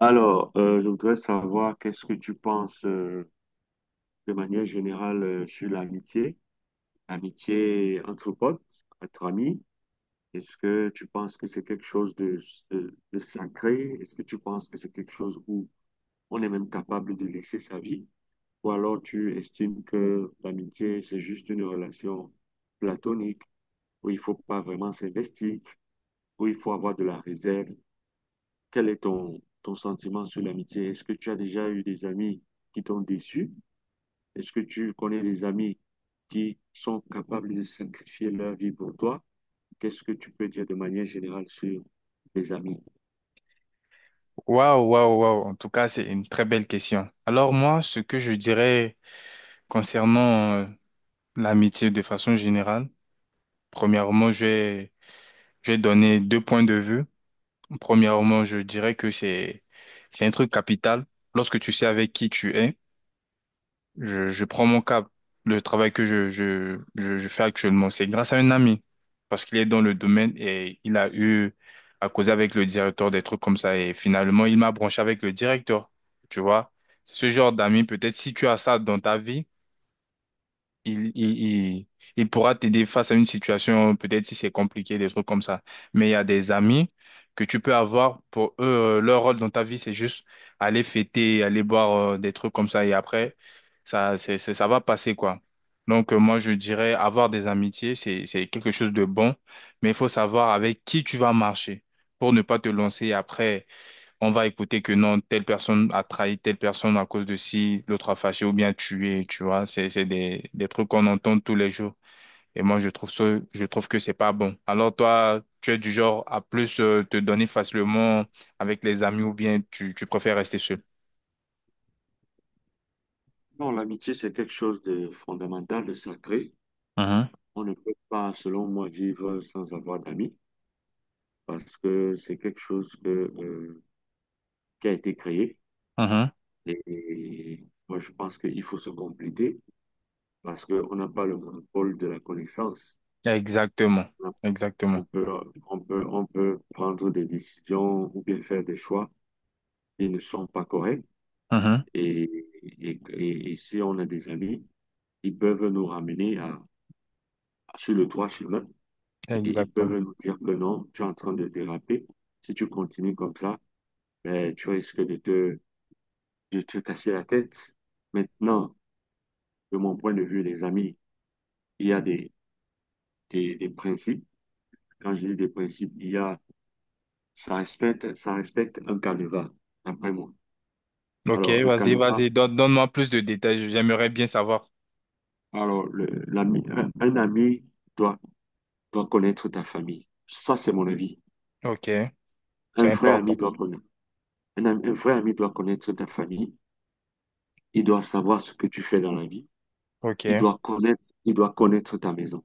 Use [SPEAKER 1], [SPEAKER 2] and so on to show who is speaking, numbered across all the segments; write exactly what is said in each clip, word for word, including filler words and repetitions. [SPEAKER 1] Alors, euh, je voudrais savoir qu'est-ce que tu penses euh, de manière générale euh, sur l'amitié, l'amitié entre potes, entre amis. Est-ce que tu penses que c'est quelque chose de, de, de sacré? Est-ce que tu penses que c'est quelque chose où on est même capable de laisser sa vie? Ou alors tu estimes que l'amitié, c'est juste une relation platonique où il faut pas vraiment s'investir, où il faut avoir de la réserve? Quel est ton, ton sentiment sur l'amitié? Est-ce que tu as déjà eu des amis qui t'ont déçu? Est-ce que tu connais des amis qui sont capables de sacrifier leur vie pour toi? Qu'est-ce que tu peux dire de manière générale sur les amis?
[SPEAKER 2] Waouh, waouh, waouh. En tout cas, c'est une très belle question. Alors moi, ce que je dirais concernant euh, l'amitié de façon générale, premièrement, je vais, je vais donner deux points de vue. Premièrement, je dirais que c'est, c'est un truc capital lorsque tu sais avec qui tu es. Je, je prends mon cap. Le travail que je, je, je, je fais actuellement, c'est grâce à un ami. Parce qu'il est dans le domaine et il a eu à causer avec le directeur des trucs comme ça. Et finalement, il m'a branché avec le directeur. Tu vois? C'est ce genre d'amis. Peut-être si tu as ça dans ta vie, il, il, il, il pourra t'aider face à une situation, peut-être si c'est compliqué, des trucs comme ça. Mais il y a des amis que tu peux avoir pour eux, euh, leur rôle dans ta vie, c'est juste aller fêter, aller boire euh, des trucs comme ça. Et après, ça, c'est, c'est- ça va passer, quoi. Donc, euh, moi, je dirais avoir des amitiés, c'est, c'est quelque chose de bon, mais il faut savoir avec qui tu vas marcher pour ne pas te lancer après on va écouter que non, telle personne a trahi telle personne à cause de si l'autre a fâché ou bien tué, tu vois. C'est, c'est des, des trucs qu'on entend tous les jours. Et moi, je trouve ça, je trouve que c'est pas bon. Alors toi, tu es du genre à plus euh, te donner facilement avec les amis ou bien tu, tu préfères rester seul.
[SPEAKER 1] Non, l'amitié, c'est quelque chose de fondamental, de sacré.
[SPEAKER 2] Mhm,
[SPEAKER 1] On ne peut pas, selon moi, vivre sans avoir d'amis parce que c'est quelque chose que, euh, qui a été créé.
[SPEAKER 2] mhm.
[SPEAKER 1] Et moi, je pense qu'il faut se compléter parce qu'on n'a pas le monopole de la connaissance.
[SPEAKER 2] Exactement.
[SPEAKER 1] On
[SPEAKER 2] Exactement.
[SPEAKER 1] peut, on peut, on peut prendre des décisions ou bien faire des choix ils ne sont pas corrects.
[SPEAKER 2] Mhm.
[SPEAKER 1] Et, et, et- et si on a des amis, ils peuvent nous ramener à, à, sur le droit chemin et ils peuvent
[SPEAKER 2] Exactement.
[SPEAKER 1] nous dire que non, tu es en train de déraper. Si tu continues comme ça, ben, tu risques de te, de te casser la tête. Maintenant, de mon point de vue, les amis, il y a des, des, des principes. Quand je dis des principes, il y a, ça respecte, ça respecte un canevas, d'après moi.
[SPEAKER 2] Ok,
[SPEAKER 1] Alors, le
[SPEAKER 2] vas-y,
[SPEAKER 1] canevas,
[SPEAKER 2] vas-y. Donne, donne-moi plus de détails. J'aimerais bien savoir.
[SPEAKER 1] alors, le- l'ami, un un ami, doit doit connaître ta famille. Ça, c'est mon avis.
[SPEAKER 2] Ok,
[SPEAKER 1] Un
[SPEAKER 2] c'est
[SPEAKER 1] vrai ami
[SPEAKER 2] important.
[SPEAKER 1] doit connaître. Un, un vrai ami doit connaître ta famille. Il doit savoir ce que tu fais dans la vie.
[SPEAKER 2] Ok.
[SPEAKER 1] Il doit connaître, il doit connaître ta maison.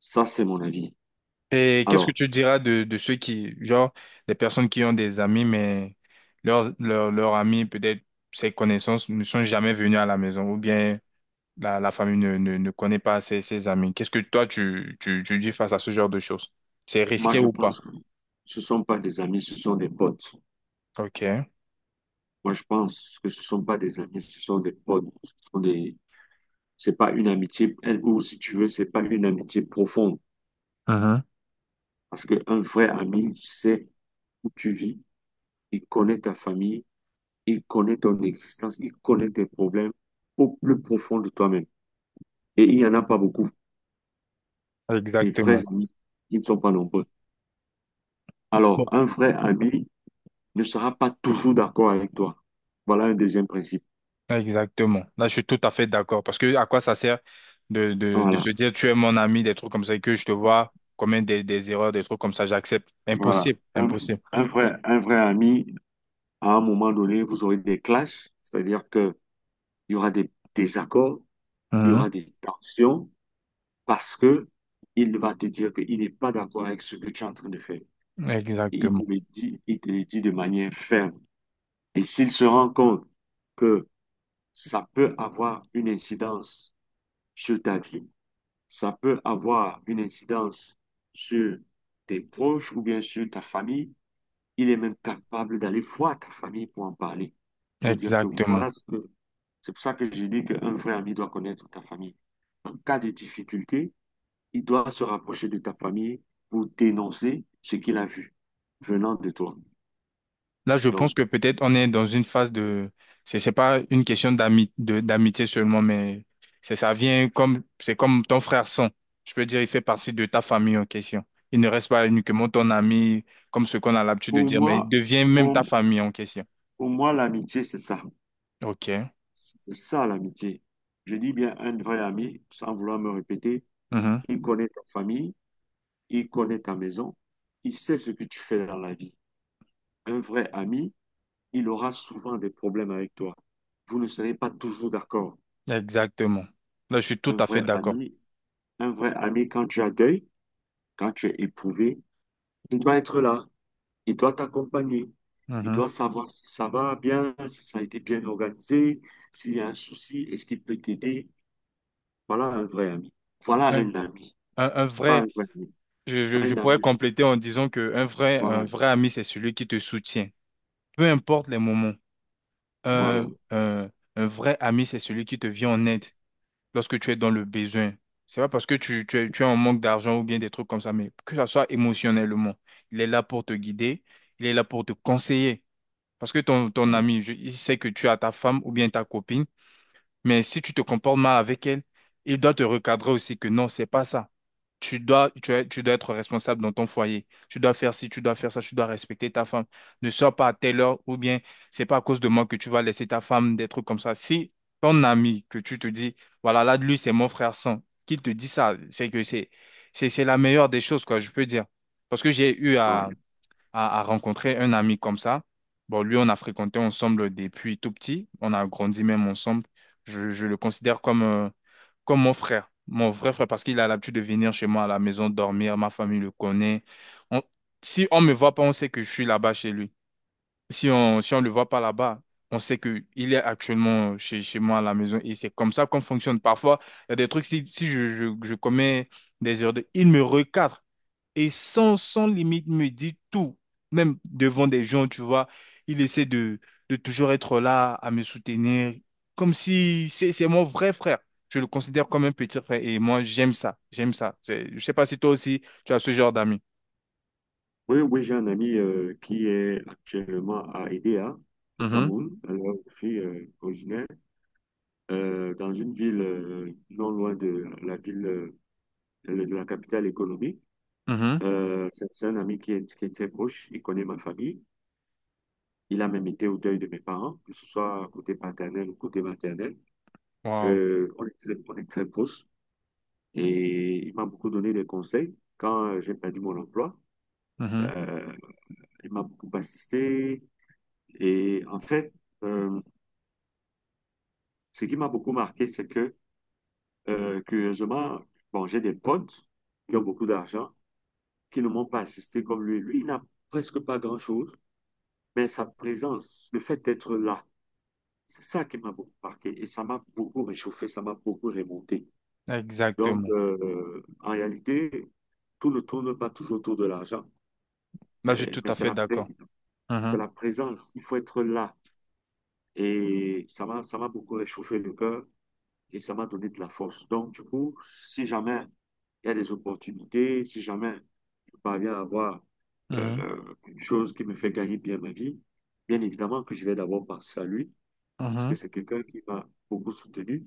[SPEAKER 1] Ça, c'est mon avis.
[SPEAKER 2] Et qu'est-ce que
[SPEAKER 1] Alors,
[SPEAKER 2] tu diras de, de ceux qui, genre, des personnes qui ont des amis, mais leurs, leurs, leurs amis, peut-être ses connaissances, ne sont jamais venus à la maison, ou bien la, la famille ne, ne, ne connaît pas ses, ses amis. Qu'est-ce que toi, tu, tu, tu dis face à ce genre de choses? C'est
[SPEAKER 1] moi,
[SPEAKER 2] risqué
[SPEAKER 1] je
[SPEAKER 2] ou
[SPEAKER 1] pense
[SPEAKER 2] pas?
[SPEAKER 1] que ce ne sont pas des amis, ce sont des potes.
[SPEAKER 2] OK.
[SPEAKER 1] Moi, je pense que ce ne sont pas des amis, ce sont des potes. Ce sont des... C'est pas une amitié, ou si tu veux, c'est pas une amitié profonde.
[SPEAKER 2] Mhm.
[SPEAKER 1] Parce qu'un vrai ami, c'est où tu vis, il connaît ta famille, il connaît ton existence, il connaît tes problèmes au plus profond de toi-même. Et il n'y en a pas beaucoup. Les vrais
[SPEAKER 2] Exactement.
[SPEAKER 1] amis, ils ne sont pas nombreux. Alors,
[SPEAKER 2] Bon.
[SPEAKER 1] un vrai ami ne sera pas toujours d'accord avec toi. Voilà un deuxième principe.
[SPEAKER 2] Exactement. Là, je suis tout à fait d'accord. Parce que à quoi ça sert de, de, de
[SPEAKER 1] Voilà,
[SPEAKER 2] se dire, tu es mon ami, des trucs comme ça, et que je te vois commettre des, des erreurs, des trucs comme ça, j'accepte.
[SPEAKER 1] voilà.
[SPEAKER 2] Impossible.
[SPEAKER 1] Un,
[SPEAKER 2] Impossible.
[SPEAKER 1] un vrai, un vrai ami, à un moment donné, vous aurez des clashs, c'est-à-dire que il y aura des désaccords, il y aura des tensions, parce que il va te dire qu'il n'est pas d'accord avec ce que tu es en train de faire. Et il te
[SPEAKER 2] Exactement,
[SPEAKER 1] le dit, il te le dit de manière ferme. Et s'il se rend compte que ça peut avoir une incidence sur ta vie, ça peut avoir une incidence sur tes proches ou bien sur ta famille, il est même capable d'aller voir ta famille pour en parler, pour dire que
[SPEAKER 2] exactement.
[SPEAKER 1] voilà ce que... C'est pour ça que j'ai dit qu'un vrai ami doit connaître ta famille. En cas de difficulté, il doit se rapprocher de ta famille pour dénoncer ce qu'il a vu venant de toi.
[SPEAKER 2] Là, je pense que
[SPEAKER 1] Donc,
[SPEAKER 2] peut-être on est dans une phase de, c'est c'est pas une question d'ami, de, d'amitié seulement, mais c'est ça vient comme, c'est comme ton frère sang. Je peux dire, il fait partie de ta famille en question. Il ne reste pas uniquement ton ami, comme ce qu'on a l'habitude de
[SPEAKER 1] pour
[SPEAKER 2] dire, mais il
[SPEAKER 1] moi,
[SPEAKER 2] devient même ta
[SPEAKER 1] pour,
[SPEAKER 2] famille en question.
[SPEAKER 1] pour moi, l'amitié, c'est ça.
[SPEAKER 2] Ok.
[SPEAKER 1] C'est ça l'amitié. Je dis bien un vrai ami, sans vouloir me répéter,
[SPEAKER 2] Mhm.
[SPEAKER 1] il connaît ta famille, il connaît ta maison, il sait ce que tu fais dans la vie. Un vrai ami, il aura souvent des problèmes avec toi. Vous ne serez pas toujours d'accord.
[SPEAKER 2] Exactement. Là, je suis tout
[SPEAKER 1] Un
[SPEAKER 2] à fait
[SPEAKER 1] vrai
[SPEAKER 2] d'accord.
[SPEAKER 1] ami, un vrai ami, quand tu as deuil, quand tu es éprouvé, il doit être là, il doit t'accompagner. Il
[SPEAKER 2] Mhm.
[SPEAKER 1] doit savoir si ça va bien, si ça a été bien organisé, s'il y a un souci, est-ce qu'il peut t'aider. Voilà un vrai ami. Voilà
[SPEAKER 2] Un,
[SPEAKER 1] un ami.
[SPEAKER 2] un- un
[SPEAKER 1] Pas
[SPEAKER 2] vrai,
[SPEAKER 1] un ami,
[SPEAKER 2] je, je- je
[SPEAKER 1] un
[SPEAKER 2] pourrais
[SPEAKER 1] ami.
[SPEAKER 2] compléter en disant que un vrai, un
[SPEAKER 1] Voilà,
[SPEAKER 2] vrai ami, c'est celui qui te soutient, peu importe les moments. Un,
[SPEAKER 1] voilà,
[SPEAKER 2] un- un vrai ami, c'est celui qui te vient en aide lorsque tu es dans le besoin. C'est pas parce que tu, tu es, tu es en manque d'argent ou bien des trucs comme ça, mais que ça soit émotionnellement. Il est là pour te guider, il est là pour te conseiller. Parce que ton, ton ami, je- il sait que tu as ta femme ou bien ta copine, mais si tu te comportes mal avec elle, il doit te recadrer aussi que non, c'est pas ça tu dois, tu, es- tu dois être responsable dans ton foyer. Tu dois faire ci, tu dois faire ça, tu dois respecter ta femme. Ne sors pas à telle heure ou bien c'est pas à cause de moi que tu vas laisser ta femme des trucs comme ça. Si ton ami que tu te dis, voilà, là, lui, c'est mon frère sang, qui te dit ça, c'est que c'est, c'est, c'est la meilleure des choses, quoi, je peux dire. Parce que j'ai eu à,
[SPEAKER 1] voilà.
[SPEAKER 2] à, à rencontrer un ami comme ça. Bon, lui, on a fréquenté ensemble depuis tout petit. On a grandi même ensemble. Je, je le considère comme, euh, comme mon frère, mon vrai frère, parce qu'il a l'habitude de venir chez moi à la maison dormir, ma famille le connaît. On- si on me voit pas, on sait que je suis là-bas chez lui. Si on si on le voit pas là-bas, on sait que il est actuellement chez, chez moi à la maison. Et c'est comme ça qu'on fonctionne. Parfois, il y a des trucs, si, si je, je, je commets des erreurs, de- il me recadre. Et sans, sans limite me dit tout, même devant des gens, tu vois, il essaie de, de toujours être là à me soutenir, comme si c'est c'est mon vrai frère. Je le considère comme un petit frère et moi, j'aime ça, j'aime ça. C'est- Je sais pas si toi aussi, tu as ce genre d'amis.
[SPEAKER 1] Oui, oui, j'ai un ami euh, qui est actuellement à Edea, au
[SPEAKER 2] Mhm,
[SPEAKER 1] Cameroun. Alors, je suis euh, originaire euh, dans une ville euh, non loin de la ville, euh, de la capitale économique.
[SPEAKER 2] mhm.
[SPEAKER 1] Euh, c'est c'est un ami qui est, qui est très proche, il connaît ma famille. Il a même été au deuil de mes parents, que ce soit côté paternel ou côté maternel.
[SPEAKER 2] Wow.
[SPEAKER 1] Euh, on est très, on est très proches et il m'a beaucoup donné des conseils quand euh, j'ai perdu mon emploi.
[SPEAKER 2] Mhm.
[SPEAKER 1] Euh, il m'a beaucoup assisté. Et en fait, euh, ce qui m'a beaucoup marqué, c'est que, euh, curieusement, bon, j'ai des potes qui ont beaucoup d'argent, qui ne m'ont pas assisté comme lui. Lui, il n'a presque pas grand-chose, mais sa présence, le fait d'être là, c'est ça qui m'a beaucoup marqué. Et ça m'a beaucoup réchauffé, ça m'a beaucoup remonté. Donc,
[SPEAKER 2] Exactement.
[SPEAKER 1] euh, en réalité, tout ne tourne pas toujours autour de l'argent,
[SPEAKER 2] Là, je suis
[SPEAKER 1] euh,
[SPEAKER 2] tout
[SPEAKER 1] mais
[SPEAKER 2] à
[SPEAKER 1] c'est
[SPEAKER 2] fait
[SPEAKER 1] la, pré-
[SPEAKER 2] d'accord. Mhm,
[SPEAKER 1] c'est la présence. Il faut être là. Et ça m'a, ça m'a beaucoup réchauffé le cœur et ça m'a donné de la force. Donc, du coup, si jamais il y a des opportunités, si jamais je parviens à avoir
[SPEAKER 2] mhm,
[SPEAKER 1] euh, une chose qui me fait gagner bien ma vie, bien évidemment que je vais d'abord penser à lui, parce que
[SPEAKER 2] mhm.
[SPEAKER 1] c'est quelqu'un qui m'a beaucoup soutenu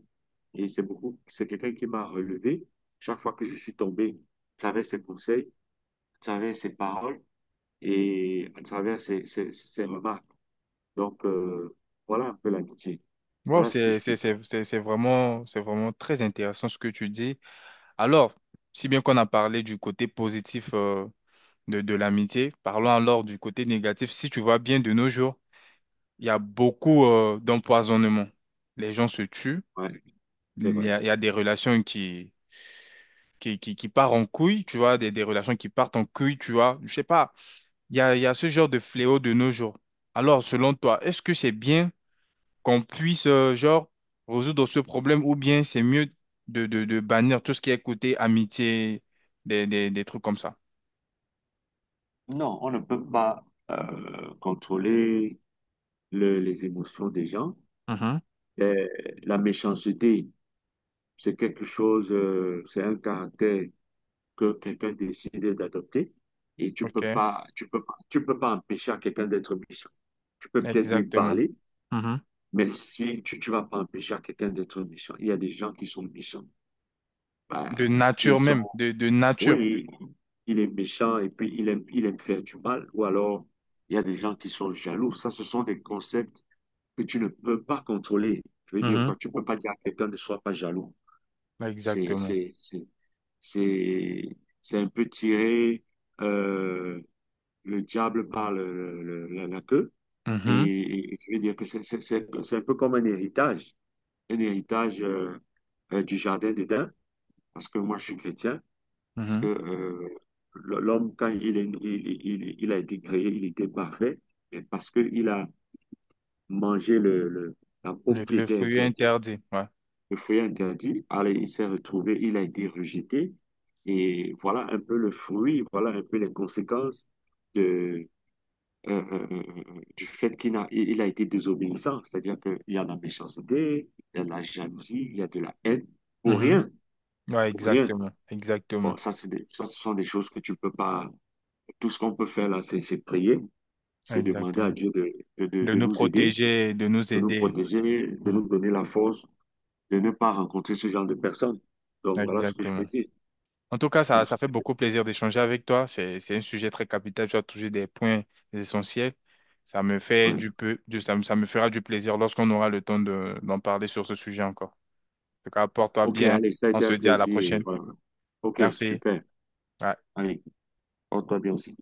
[SPEAKER 1] et c'est beaucoup, c'est quelqu'un qui m'a relevé. Chaque fois que je suis tombé, à travers ses conseils, à travers ses paroles et à travers ses, ses, ses remarques. Donc, euh, voilà un peu l'amitié.
[SPEAKER 2] Wow,
[SPEAKER 1] Voilà ce que
[SPEAKER 2] c'est,
[SPEAKER 1] je peux
[SPEAKER 2] c'est,
[SPEAKER 1] dire.
[SPEAKER 2] c'est, c'est c'est vraiment, c'est vraiment très intéressant ce que tu dis. Alors, si bien qu'on a parlé du côté positif, euh, de, de l'amitié. Parlons alors du côté négatif. Si tu vois bien de nos jours, il y a beaucoup euh, d'empoisonnement. Les gens se tuent,
[SPEAKER 1] Ouais, c'est
[SPEAKER 2] il y
[SPEAKER 1] vrai.
[SPEAKER 2] a, il y a des relations qui, qui, qui, qui partent en couille, tu vois, des, des relations qui partent en couille, tu vois. Je sais pas, il y a, il y a ce genre de fléau de nos jours. Alors, selon toi, est-ce que c'est bien qu'on puisse, euh, genre, résoudre ce problème ou bien c'est mieux de, de, de bannir tout ce qui est côté amitié, des, des, des trucs comme ça?
[SPEAKER 1] Non, on ne peut pas euh, contrôler le- les émotions des gens.
[SPEAKER 2] Mhm,
[SPEAKER 1] Euh, la méchanceté, c'est quelque chose, euh, c'est un caractère que quelqu'un décide d'adopter et tu
[SPEAKER 2] Ok,
[SPEAKER 1] peux pas, tu peux pas, tu peux pas empêcher à quelqu'un d'être méchant. Tu peux peut-être lui
[SPEAKER 2] exactement.
[SPEAKER 1] parler,
[SPEAKER 2] Mhm.
[SPEAKER 1] mais si tu, tu vas pas empêcher à quelqu'un d'être méchant. Il y a des gens qui sont méchants.
[SPEAKER 2] De
[SPEAKER 1] Ben, ils
[SPEAKER 2] nature
[SPEAKER 1] sont,
[SPEAKER 2] même, de, de nature.
[SPEAKER 1] oui, il est méchant et puis il aime, il aime faire du mal ou alors il y a des gens qui sont jaloux. Ça, ce sont des concepts que tu ne peux pas contrôler. Je veux dire
[SPEAKER 2] Mhm.
[SPEAKER 1] quoi, tu ne peux pas dire à quelqu'un ne sois pas jaloux. C'est,
[SPEAKER 2] Exactement.
[SPEAKER 1] c'est, c'est, c'est, c'est un peu tirer euh, le diable par le- le- le- la, la queue.
[SPEAKER 2] Mhm,
[SPEAKER 1] Et, et je veux dire que c'est c'est- c'est- c'est un peu comme un héritage, un héritage euh, euh, du jardin d'Éden, parce que moi je suis chrétien, parce que
[SPEAKER 2] mhm.
[SPEAKER 1] euh, l'homme, quand il, est- il, il, il a été créé, il était parfait, mais parce qu'il a mangé le, le- la pomme
[SPEAKER 2] Le,
[SPEAKER 1] qui
[SPEAKER 2] le
[SPEAKER 1] était
[SPEAKER 2] fruit
[SPEAKER 1] interdite.
[SPEAKER 2] interdit, ouais.
[SPEAKER 1] Le foyer interdit. Allez, il s'est retrouvé, il a été rejeté. Et voilà un peu le fruit, voilà un peu les conséquences de, euh, euh, euh, euh, euh, du fait qu'il a, il a été désobéissant. C'est-à-dire qu'il y a de la méchanceté, il y a de la jalousie, il y a de la haine, pour
[SPEAKER 2] Mhm.
[SPEAKER 1] rien,
[SPEAKER 2] Ouais,
[SPEAKER 1] pour rien.
[SPEAKER 2] exactement, exactement,
[SPEAKER 1] Bon, ça, c'est des- ça, ce sont des choses que tu ne peux pas. Tout ce qu'on peut faire là, c'est c'est prier, c'est demander à
[SPEAKER 2] exactement.
[SPEAKER 1] Dieu de, de, de-
[SPEAKER 2] De
[SPEAKER 1] de
[SPEAKER 2] nous
[SPEAKER 1] nous aider,
[SPEAKER 2] protéger, de nous
[SPEAKER 1] de nous
[SPEAKER 2] aider.
[SPEAKER 1] protéger, de
[SPEAKER 2] Mhm.
[SPEAKER 1] nous donner la force, de ne pas rencontrer ce genre de personnes. Donc voilà ce que je peux
[SPEAKER 2] Exactement.
[SPEAKER 1] dire.
[SPEAKER 2] En tout cas, ça,
[SPEAKER 1] Ok,
[SPEAKER 2] ça fait beaucoup plaisir d'échanger avec toi. C'est, c'est un sujet très capital. Tu as touché des points essentiels. Ça me fait
[SPEAKER 1] ouais.
[SPEAKER 2] du peu, du- ça, me ça me fera du plaisir lorsqu'on aura le temps de, d'en parler sur ce sujet encore. En tout cas, porte-toi
[SPEAKER 1] Ok,
[SPEAKER 2] bien.
[SPEAKER 1] allez, ça a
[SPEAKER 2] On
[SPEAKER 1] été
[SPEAKER 2] se
[SPEAKER 1] un
[SPEAKER 2] dit à la
[SPEAKER 1] plaisir.
[SPEAKER 2] prochaine.
[SPEAKER 1] Voilà. Ok,
[SPEAKER 2] Merci.
[SPEAKER 1] super.
[SPEAKER 2] Ouais.
[SPEAKER 1] Allez, on toi bien aussi.